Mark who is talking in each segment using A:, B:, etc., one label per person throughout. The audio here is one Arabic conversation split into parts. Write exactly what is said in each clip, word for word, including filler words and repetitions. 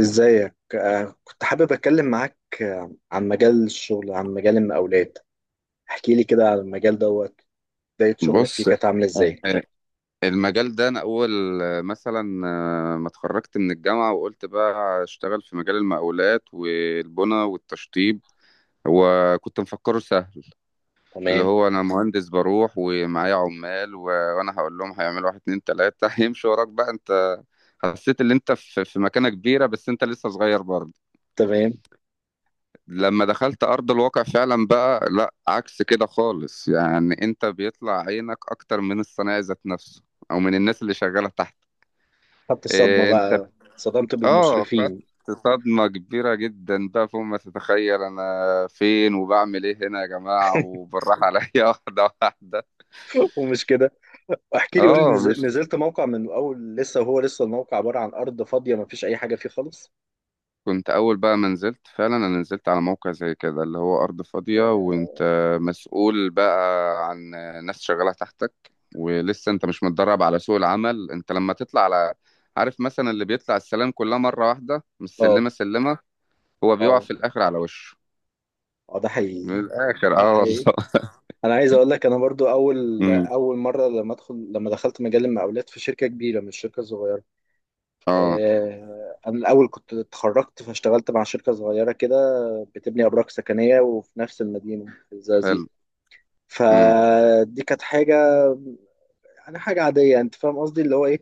A: ازيك آه، كنت حابب اتكلم معاك آه، عن مجال الشغل، عن مجال المقاولات. احكي لي كده على المجال دوت. بداية شغلك فيه
B: بص.
A: كانت عاملة
B: آه،
A: ازاي؟
B: آه، المجال ده انا اول آه، مثلا، آه، ما اتخرجت من الجامعه وقلت بقى اشتغل في مجال المقاولات والبنى والتشطيب. وكنت مفكره سهل، اللي
A: تمام.
B: هو انا مهندس بروح ومعايا عمال و- وانا هقول لهم هيعملوا واحد اتنين تلاته هيمشوا وراك بقى انت. حسيت ان انت في في مكانه كبيره بس انت لسه صغير برضه.
A: تمام.
B: لما دخلت ارض الواقع فعلا بقى لا، عكس كده خالص، يعني انت بيطلع عينك اكتر من الصنايعي ذات نفسه او من الناس اللي شغاله تحت.
A: خدت الصدمة
B: إيه انت
A: بقى؟
B: بت-
A: صدمت
B: اه، خدت
A: بالمشرفين.
B: صدمة كبيرة جدا بقى فوق ما تتخيل. انا فين وبعمل ايه هنا يا جماعة، وبالراحة عليا واحدة واحدة.
A: ومش كده. احكي لي، قول لي،
B: اه
A: نز-
B: مش.
A: نزلت موقع من اول، لسه هو لسه الموقع عبارة عن ارض فاضية، ما فيش اي حاجة فيه خالص؟
B: كنت اول بقى ما نزلت فعلا، انا نزلت على موقع زي كده اللي هو ارض فاضية
A: اه،
B: وانت مسؤول بقى عن ناس شغالة تحتك، ولسه انت مش متدرب على سوق العمل. انت لما تطلع على، عارف مثلا اللي بيطلع السلام كلها مرة واحدة مش
A: اه،
B: سلمة سلمة، هو بيقع
A: اه.
B: في الاخر على وشه.
A: آه، ده
B: من
A: حقيقي.
B: الاخر
A: ده
B: اه والله.
A: حقيقي. انا عايز اقول لك، انا برضو اول اول مره، لما ادخل لما دخلت مجال المقاولات في شركه كبيره، مش شركه صغيره.
B: اه،
A: آه، انا الاول كنت اتخرجت فاشتغلت مع شركه صغيره كده، بتبني ابراج سكنيه، وفي نفس المدينه في الزقازيق.
B: حلو. امم
A: فدي كانت حاجه، يعني حاجه عاديه. انت فاهم قصدي اللي هو ايه.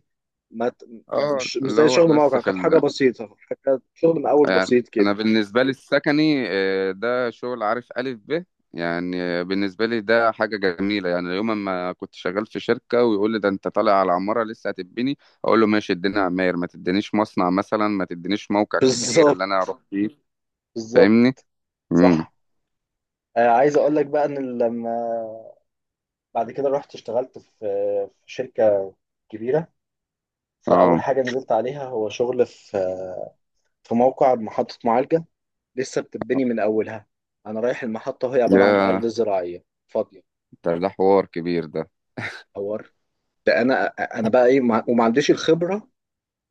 A: ما ت-
B: اه
A: مش مش
B: اللي
A: زي
B: هو
A: شغل
B: لسه
A: موقع،
B: في
A: كانت حاجه
B: ال...
A: بسيطه. كانت شغل من اول
B: يعني
A: بسيط
B: انا
A: كده.
B: بالنسبه لي السكني، آه، ده شغل عارف الف ب، يعني آه، بالنسبه لي ده حاجه جميله. يعني يوم ما كنت شغال في شركه ويقول لي ده انت طالع على عماره لسه هتبني، اقول له ماشي اديني عماير، ما تدينيش مصنع مثلا، ما تدينيش موقع كبير اللي انا
A: بالظبط.
B: اروح فيه.
A: بالظبط.
B: فاهمني. امم
A: صح. آه، عايز اقول لك بقى ان لما بعد كده رحت اشتغلت في في شركه كبيره، فاول
B: اه،
A: حاجه نزلت عليها هو شغل في في موقع محطه معالجه لسه بتتبني من أولها. أنا رايح المحطة وهي عبارة عن
B: يا
A: أرض زراعية فاضية.
B: ده ده حوار كبير ده.
A: أور، ده أنا، أنا بقى إيه، ما- وما عنديش الخبرة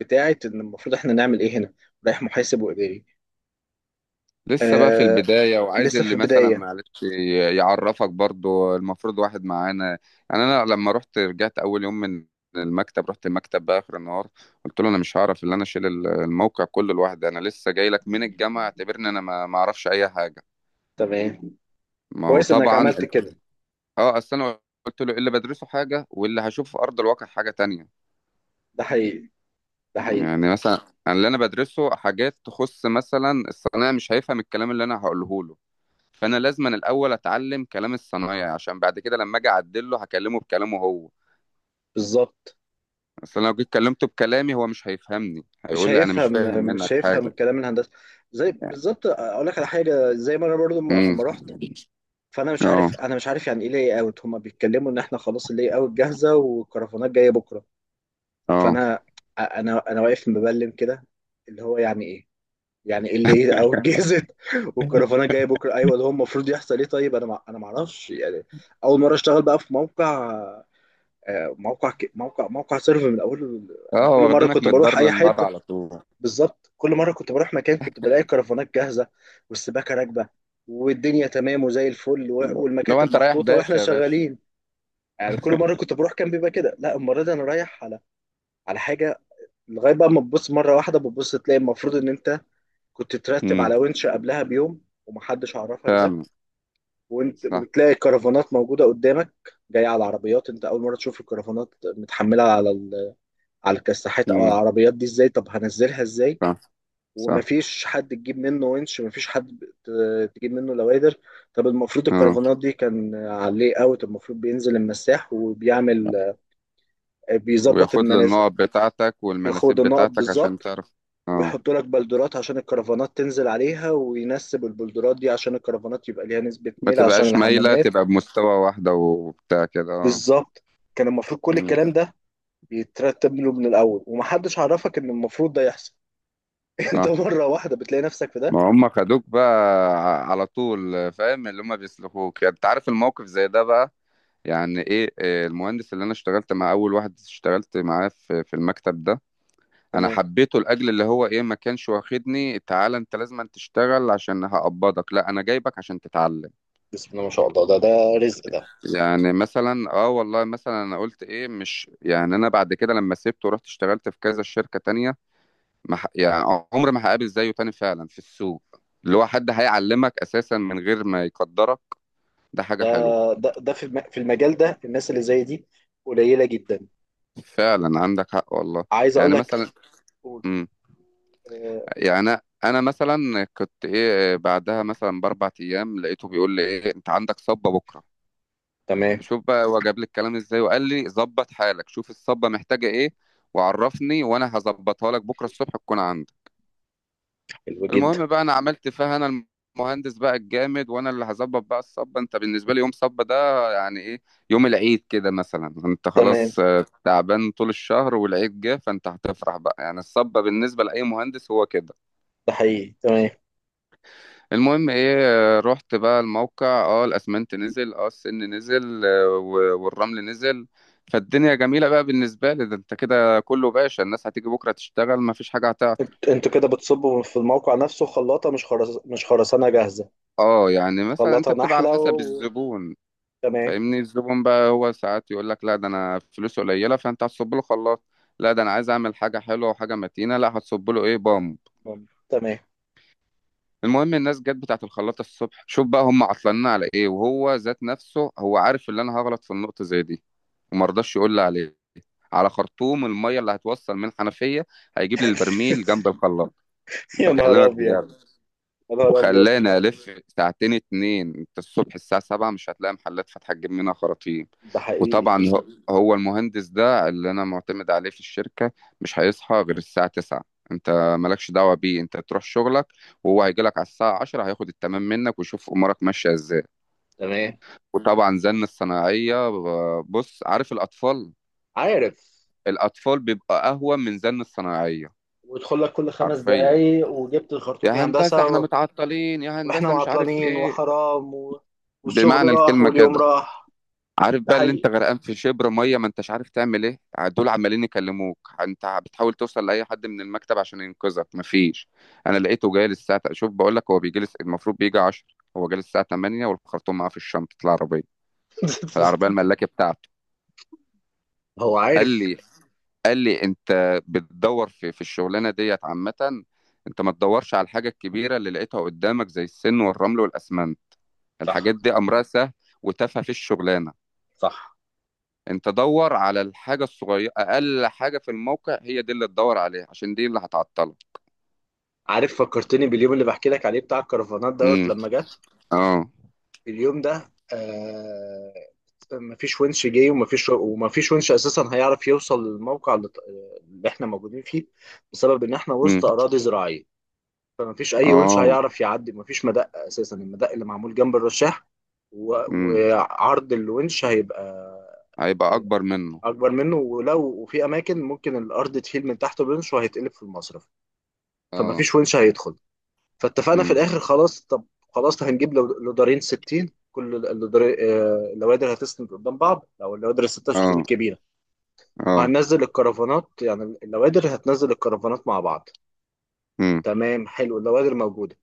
A: بتاعة إن المفروض إحنا نعمل إيه هنا؟ رايح محاسب وإداري.
B: لسه بقى في
A: آه،
B: البداية وعايز
A: لسه في
B: اللي مثلا
A: البداية.
B: معلش ي- يعرفك برضو، المفروض واحد معانا. يعني أنا لما رحت، رجعت أول يوم من المكتب، رحت المكتب بقى آخر النهار قلت له أنا مش هعرف اللي أنا أشيل ال- الموقع كله لوحدي. أنا لسه جاي لك من الجامعة، اعتبرني أنا ما ما أعرفش أي حاجة.
A: تمام.
B: ما هو
A: كويس إنك
B: طبعا.
A: عملت كده.
B: أه أصل أنا قلت له إيه، اللي بدرسه حاجة واللي هشوفه في أرض الواقع حاجة تانية.
A: ده حقيقي. ده حقيقي.
B: يعني مثلا أنا اللي أنا بدرسه حاجات تخص مثلا الصنايعي مش هيفهم الكلام اللي أنا هقوله له. فانا لازم أنا الاول اتعلم كلام الصنايعي عشان بعد كده لما اجي اعدله هكلمه بكلامه هو.
A: بالظبط.
B: اصل أنا لو جيت كلمته بكلامي هو مش هيفهمني،
A: مش
B: هيقول لي انا مش
A: هيفهم.
B: فاهم
A: مش
B: منك
A: هيفهم
B: حاجه.
A: كلام الهندسة. زي بالظبط، أقول لك على حاجة، زي ما أنا برضو م-
B: امم
A: أما رحت، فأنا مش
B: اه،
A: عارف أنا مش عارف يعني إيه لاي أوت، هما بيتكلموا إن إحنا خلاص اللاي أوت جاهزة والكرفانات جاية بكرة.
B: اه،
A: فانا انا انا واقف مبلم كده. اللي هو يعني ايه؟ يعني ايه اللي ايه او الجزم. والكرفانه جايه بكره ايوه، اللي هو المفروض يحصل ايه؟ طيب انا ما انا ما اعرفش يعني. اول مره اشتغل بقى في موقع، آه، موقع ك- موقع موقع سيرف من اول.
B: اه،
A: انا كل
B: هو
A: مره
B: واخدينك من
A: كنت
B: الدار
A: بروح اي
B: للنار
A: حته،
B: على طول.
A: بالظبط، كل مره كنت بروح مكان كنت بلاقي الكرفانات جاهزه، والسباكه راكبه، والدنيا تمام وزي الفل، و-
B: لو
A: والمكاتب
B: انت رايح
A: محطوطه واحنا
B: باشا يا باشا.
A: شغالين. يعني كل مره كنت بروح كان بيبقى كده. لا، المره دي انا رايح على على حاجه لغايه بقى ما تبص مره واحده، بتبص تلاقي المفروض ان انت كنت ترتب
B: امم
A: على ونش قبلها بيوم ومحدش عرفك ده.
B: فعلا.
A: وانت
B: صح.
A: وتلاقي كرفانات موجوده قدامك، جايه على العربيات. انت اول مره تشوف الكرفانات متحمله على ال... على الكساحات او على
B: امم
A: العربيات دي، ازاي؟ طب هنزلها ازاي؟
B: صح. صح.
A: ومفيش حد تجيب منه ونش، مفيش حد ت- تجيب منه لوادر. طب المفروض
B: اه،
A: الكرفانات دي كان عليه اوت، المفروض بينزل المساح وبيعمل، بيظبط
B: وياخد له
A: المنازل،
B: النقط بتاعتك
A: ياخد
B: والمناسيب
A: النقط
B: بتاعتك عشان
A: بالظبط،
B: تعرف. اه،
A: ويحطوا لك بلدرات عشان الكرفانات تنزل عليها، وينسب البلدرات دي عشان الكرفانات يبقى ليها نسبة
B: ما
A: ميل عشان
B: تبقاش مايله،
A: الحمامات.
B: تبقى بمستوى واحده وبتاع كده اه.
A: بالظبط. كان المفروض كل
B: امم
A: الكلام ده يترتب له من الأول، ومحدش عرفك إن المفروض ده يحصل. أنت
B: صح.
A: مرة واحدة بتلاقي نفسك في ده.
B: ما هم خدوك بقى ع- على طول، فاهم اللي هم بيسلخوك. يعني انت عارف الموقف زي ده بقى، يعني ايه. إيه، المهندس اللي انا اشتغلت مع، اول واحد اشتغلت معاه في في المكتب ده، انا
A: تمام.
B: حبيته لاجل اللي هو ايه، ما كانش واخدني تعالى انت لازم أن تشتغل عشان هقبضك، لا انا جايبك عشان تتعلم.
A: بسم الله ما شاء الله، ده ده رزق. ده
B: يعني مثلا اه والله مثلا انا قلت ايه، مش يعني انا بعد كده لما سبته ورحت اشتغلت في كذا شركة تانية، ما ح... يعني عمري ما هقابل زيه تاني فعلا في السوق، اللي هو حد هيعلمك اساسا من غير ما يقدرك. ده حاجه
A: ده
B: حلوه.
A: ده ده في الم- في المجال ده الناس اللي زي دي قليلة جدا.
B: فعلا عندك حق والله.
A: عايز أقول
B: يعني
A: لك.
B: مثلا.
A: قول.
B: امم
A: آه.
B: يعني انا، أنا مثلا كنت ايه، بعدها مثلا باربع ايام لقيته بيقول لي ايه، انت عندك صبه بكره.
A: تمام.
B: شوف بقى هو جاب لي الكلام ازاي، وقال لي ظبط حالك شوف الصبه محتاجه ايه وعرفني وانا هظبطها لك بكره الصبح تكون عندك.
A: حلو جدا.
B: المهم بقى انا عملت فيها انا المهندس بقى الجامد وانا اللي هظبط بقى الصبه. انت بالنسبه لي يوم صبه ده يعني ايه، يوم العيد كده مثلا. انت
A: تمام.
B: خلاص آه، تعبان طول الشهر والعيد جه فانت هتفرح بقى، يعني الصبه بالنسبه لاي مهندس هو كده.
A: ده حقيقي. تمام.
B: المهم ايه، آه، رحت بقى الموقع، اه الاسمنت نزل، اه السن نزل، آه، و- والرمل نزل. فالدنيا جميله بقى بالنسبه لي، ده انت كده كله باشا، الناس هتيجي بكره تشتغل مفيش حاجه هتعطل.
A: انت- انتوا كده بتصبوا في الموقع نفسه خلاطة، مش خرس... مش خرسانة جاهزة؟
B: اه يعني مثلا انت
A: خلاطة
B: بتبقى على
A: نحلة
B: حسب
A: و...
B: الزبون،
A: تمام.
B: فاهمني. الزبون بقى هو ساعات يقول لك لا ده انا فلوسه قليله، فانت هتصب له خلاط. لا ده انا عايز اعمل حاجه حلوه وحاجه متينه، لا هتصب له ايه، بامب.
A: تمام.
B: المهم الناس جت بتاعه الخلاطه الصبح، شوف بقى هم عطلانين على ايه. وهو ذات نفسه هو عارف ان انا هغلط في النقطه زي دي وما رضاش يقول لي عليه، على خرطوم الميه اللي هتوصل من الحنفيه، هيجيب لي البرميل جنب الخلاط.
A: يا نهار
B: بكلمك
A: أبيض.
B: بجد.
A: يا نهار أبيض.
B: وخلاني الف ساعتين اتنين، انت الصبح الساعه سبعه مش هتلاقي محلات فاتحه تجيب منها خراطيم.
A: ده حقيقي.
B: وطبعا هو، هو المهندس ده اللي انا معتمد عليه في الشركه مش هيصحى غير الساعه تسعه. انت مالكش دعوه بيه، انت تروح شغلك وهو هيجي لك على الساعه عشره، هياخد التمام منك ويشوف امورك ماشيه ازاي.
A: تمام.
B: وطبعا زن الصناعيه ب- بص عارف الاطفال،
A: عارف،
B: الاطفال بيبقى اهون من زن الصناعيه.
A: ويدخل لك كل خمس
B: حرفيا،
A: دقايق وجبت
B: يا
A: الخرطوم يا
B: هندسه
A: هندسة
B: احنا
A: و...
B: متعطلين، يا
A: واحنا
B: هندسه مش عارف
A: وعطلانين
B: ايه،
A: وحرام و... والشغل
B: بمعنى
A: راح
B: الكلمه
A: واليوم
B: كده.
A: راح.
B: عارف
A: ده
B: بقى اللي انت
A: حقيقي.
B: غرقان في شبر ميه ما انتش عارف تعمل ايه، دول عمالين يكلموك، انت بتحاول توصل لاي حد من المكتب عشان ينقذك مفيش. انا لقيته جاي الساعه، شوف بقول لك، هو بيجي لس... المفروض بيجي عشره، هو جاي الساعه تمانيه والخرطوم معاه في الشنطه، العربيه، في العربيه الملاكه بتاعته.
A: هو
B: قال
A: عارف.
B: لي، قال لي انت بتدور في في الشغلانه ديت عامه. انت ما تدورش على الحاجه الكبيره اللي لقيتها قدامك زي السن والرمل والاسمنت، الحاجات
A: صح.
B: دي امرها سهل وتافهه في الشغلانه.
A: صح.
B: انت دور على الحاجه الصغيره، اقل حاجه في الموقع هي دي اللي تدور عليها عشان دي اللي هتعطلك.
A: عارف، فكرتني باليوم اللي بحكي لك عليه بتاع الكرفانات
B: امم
A: دوت لما جت.
B: اه.
A: اليوم ده، آه مفيش ونش جاي، ومفيش ومفيش ونش اساسا هيعرف يوصل للموقع اللي اللي احنا موجودين فيه، بسبب ان احنا وسط
B: امم
A: اراضي زراعيه. فمفيش اي ونش
B: اه.
A: هيعرف يعدي، مفيش مدق اساسا، المدق اللي معمول جنب الرشاح و-
B: امم
A: وعرض الونش هيبقى،
B: هيبقى
A: آه،
B: اكبر منه.
A: اكبر منه، ولو وفي اماكن ممكن الارض تهيل من تحت بونش وهيتقلب في المصرف.
B: اه.
A: فمفيش ونش هيدخل. فاتفقنا في
B: امم
A: الاخر خلاص. طب خلاص هنجيب لو- لودارين ستين، كل ال- اللودار- آه، اللوادر هتسند قدام بعض، او اللوادر ال ستة وستين
B: اه.
A: الكبيره،
B: اه.
A: وهننزل الكرفانات. يعني اللوادر هتنزل الكرفانات مع بعض.
B: امم
A: تمام. حلو، اللوادر موجوده.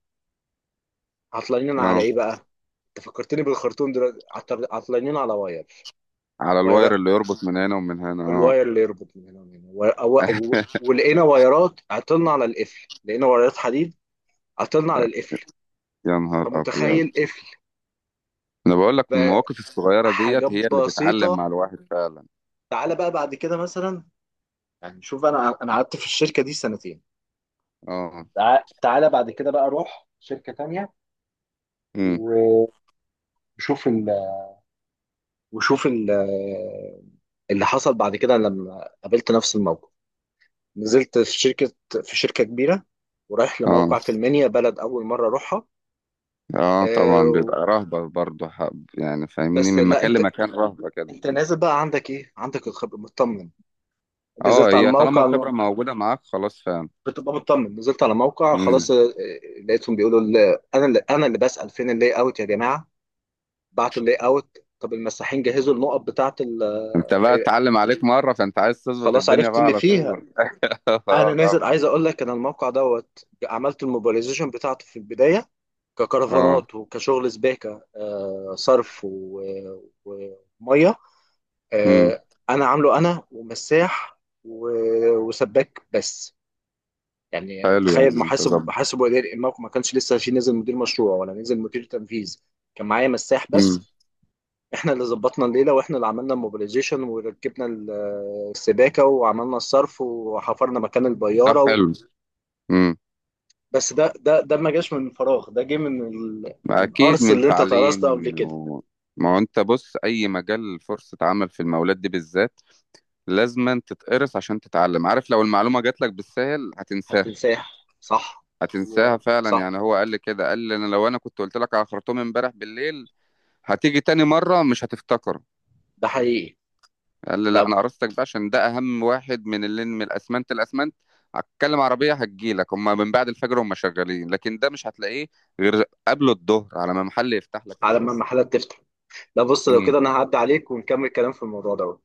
A: عطلانين
B: اه،
A: على ايه بقى؟ انت فكرتني بالخرطوم دلوقتي. عطر- عطلانين على واير.
B: على
A: واير،
B: الواير اللي يربط من هنا ومن هنا اه.
A: الواير اللي يربط من هنا ومن هنا، و- أو- أو- ولقينا وايرات. عطلنا على القفل. لقينا وايرات حديد. عطلنا على القفل.
B: يا نهار ابيض.
A: فمتخيل، قفل
B: انا بقول لك المواقف الصغيره
A: بحاجات
B: ديت هي اللي بتعلم
A: بسيطه.
B: مع الواحد فعلا.
A: تعالى بقى بعد كده مثلا. يعني شوف، انا انا قعدت في الشركه دي سنتين.
B: اه
A: تع- تعالى بعد كده بقى، روح شركه تانية،
B: امم
A: وشوف ال... وشوف ال... اللي حصل بعد كده لما قابلت نفس الموقف. نزلت في شركه في شركه كبيره. ورايح
B: اه،
A: لموقع في المنيا، بلد اول مره اروحها.
B: اه طبعا
A: آه.
B: بيبقى رهبه برضه حب، يعني فاهمني
A: بس
B: من
A: لا،
B: مكان
A: انت
B: لمكان رهبه كده.
A: انت نازل بقى، عندك ايه؟ عندك الخبره، مطمن.
B: اه،
A: نزلت على
B: هي طالما
A: الموقع،
B: الخبرة موجودة معاك خلاص فاهم.
A: بتبقى مطمن. نزلت على موقع
B: مم.
A: خلاص، آه، آه، لقيتهم بيقولوا ال- انا، اللي انا اللي بسأل فين اللي اوت يا جماعه؟ بعتوا اللاي اوت؟ طب المساحين جهزوا النقط بتاعه ال-
B: انت بقى اتعلم عليك مرة فانت عايز تظبط
A: خلاص
B: الدنيا
A: عرفت
B: بقى
A: اللي
B: على
A: فيها.
B: طول.
A: انا
B: اه
A: نازل،
B: طبعا.
A: عايز اقول لك، انا الموقع دوت عملت الموبيلايزيشن بتاعته في البدايه،
B: اه
A: ككرفانات وكشغل سباكه، آه، صرف و- وميه.
B: امم
A: آه، انا عامله انا ومساح و- وسباك بس. يعني
B: حلو،
A: تخيل،
B: يعني انت
A: محاسب
B: ظبط.
A: محاسب واداري الموقع ما كانش لسه فيه. نزل مدير مشروع ولا نزل مدير تنفيذ؟ كان معايا مساح بس.
B: امم
A: احنا اللي ظبطنا الليله، واحنا اللي عملنا الموبيلايزيشن وركبنا ال- السباكه، وعملنا الصرف، وحفرنا مكان
B: ده
A: البياره و...
B: حلو. امم
A: بس ده ده ده ما جاش من فراغ. ده جه من ال... من
B: اكيد
A: القرص
B: من
A: اللي انت
B: تعليم
A: درسته قبل كده.
B: و... ما هو انت بص، اي مجال فرصة عمل في المولات دي بالذات لازم تتقرص عشان تتعلم. عارف لو المعلومة جات لك بالسهل هتنساها،
A: هتنساه. صح.
B: هتنساها
A: هو
B: فعلا.
A: صح.
B: يعني هو قال لي كده، قال لي انا لو انا كنت قلت لك على خرطوم امبارح بالليل هتيجي تاني مرة مش هتفتكر.
A: ده حقيقي.
B: قال لي لا
A: لا.
B: انا قرصتك ده عشان ده اهم واحد من اللي، من الاسمنت. الاسمنت هتكلم عربيه، هتجيلك هم من بعد الفجر هم شغالين، لكن ده مش هتلاقيه غير قبل الظهر، على ما محل يفتح لك
A: على ما
B: اساسا.
A: المحلات تفتح. لا بص، لو
B: امم
A: كده انا هعدي عليك ونكمل كلام في الموضوع ده.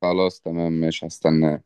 B: خلاص تمام مش هستناه.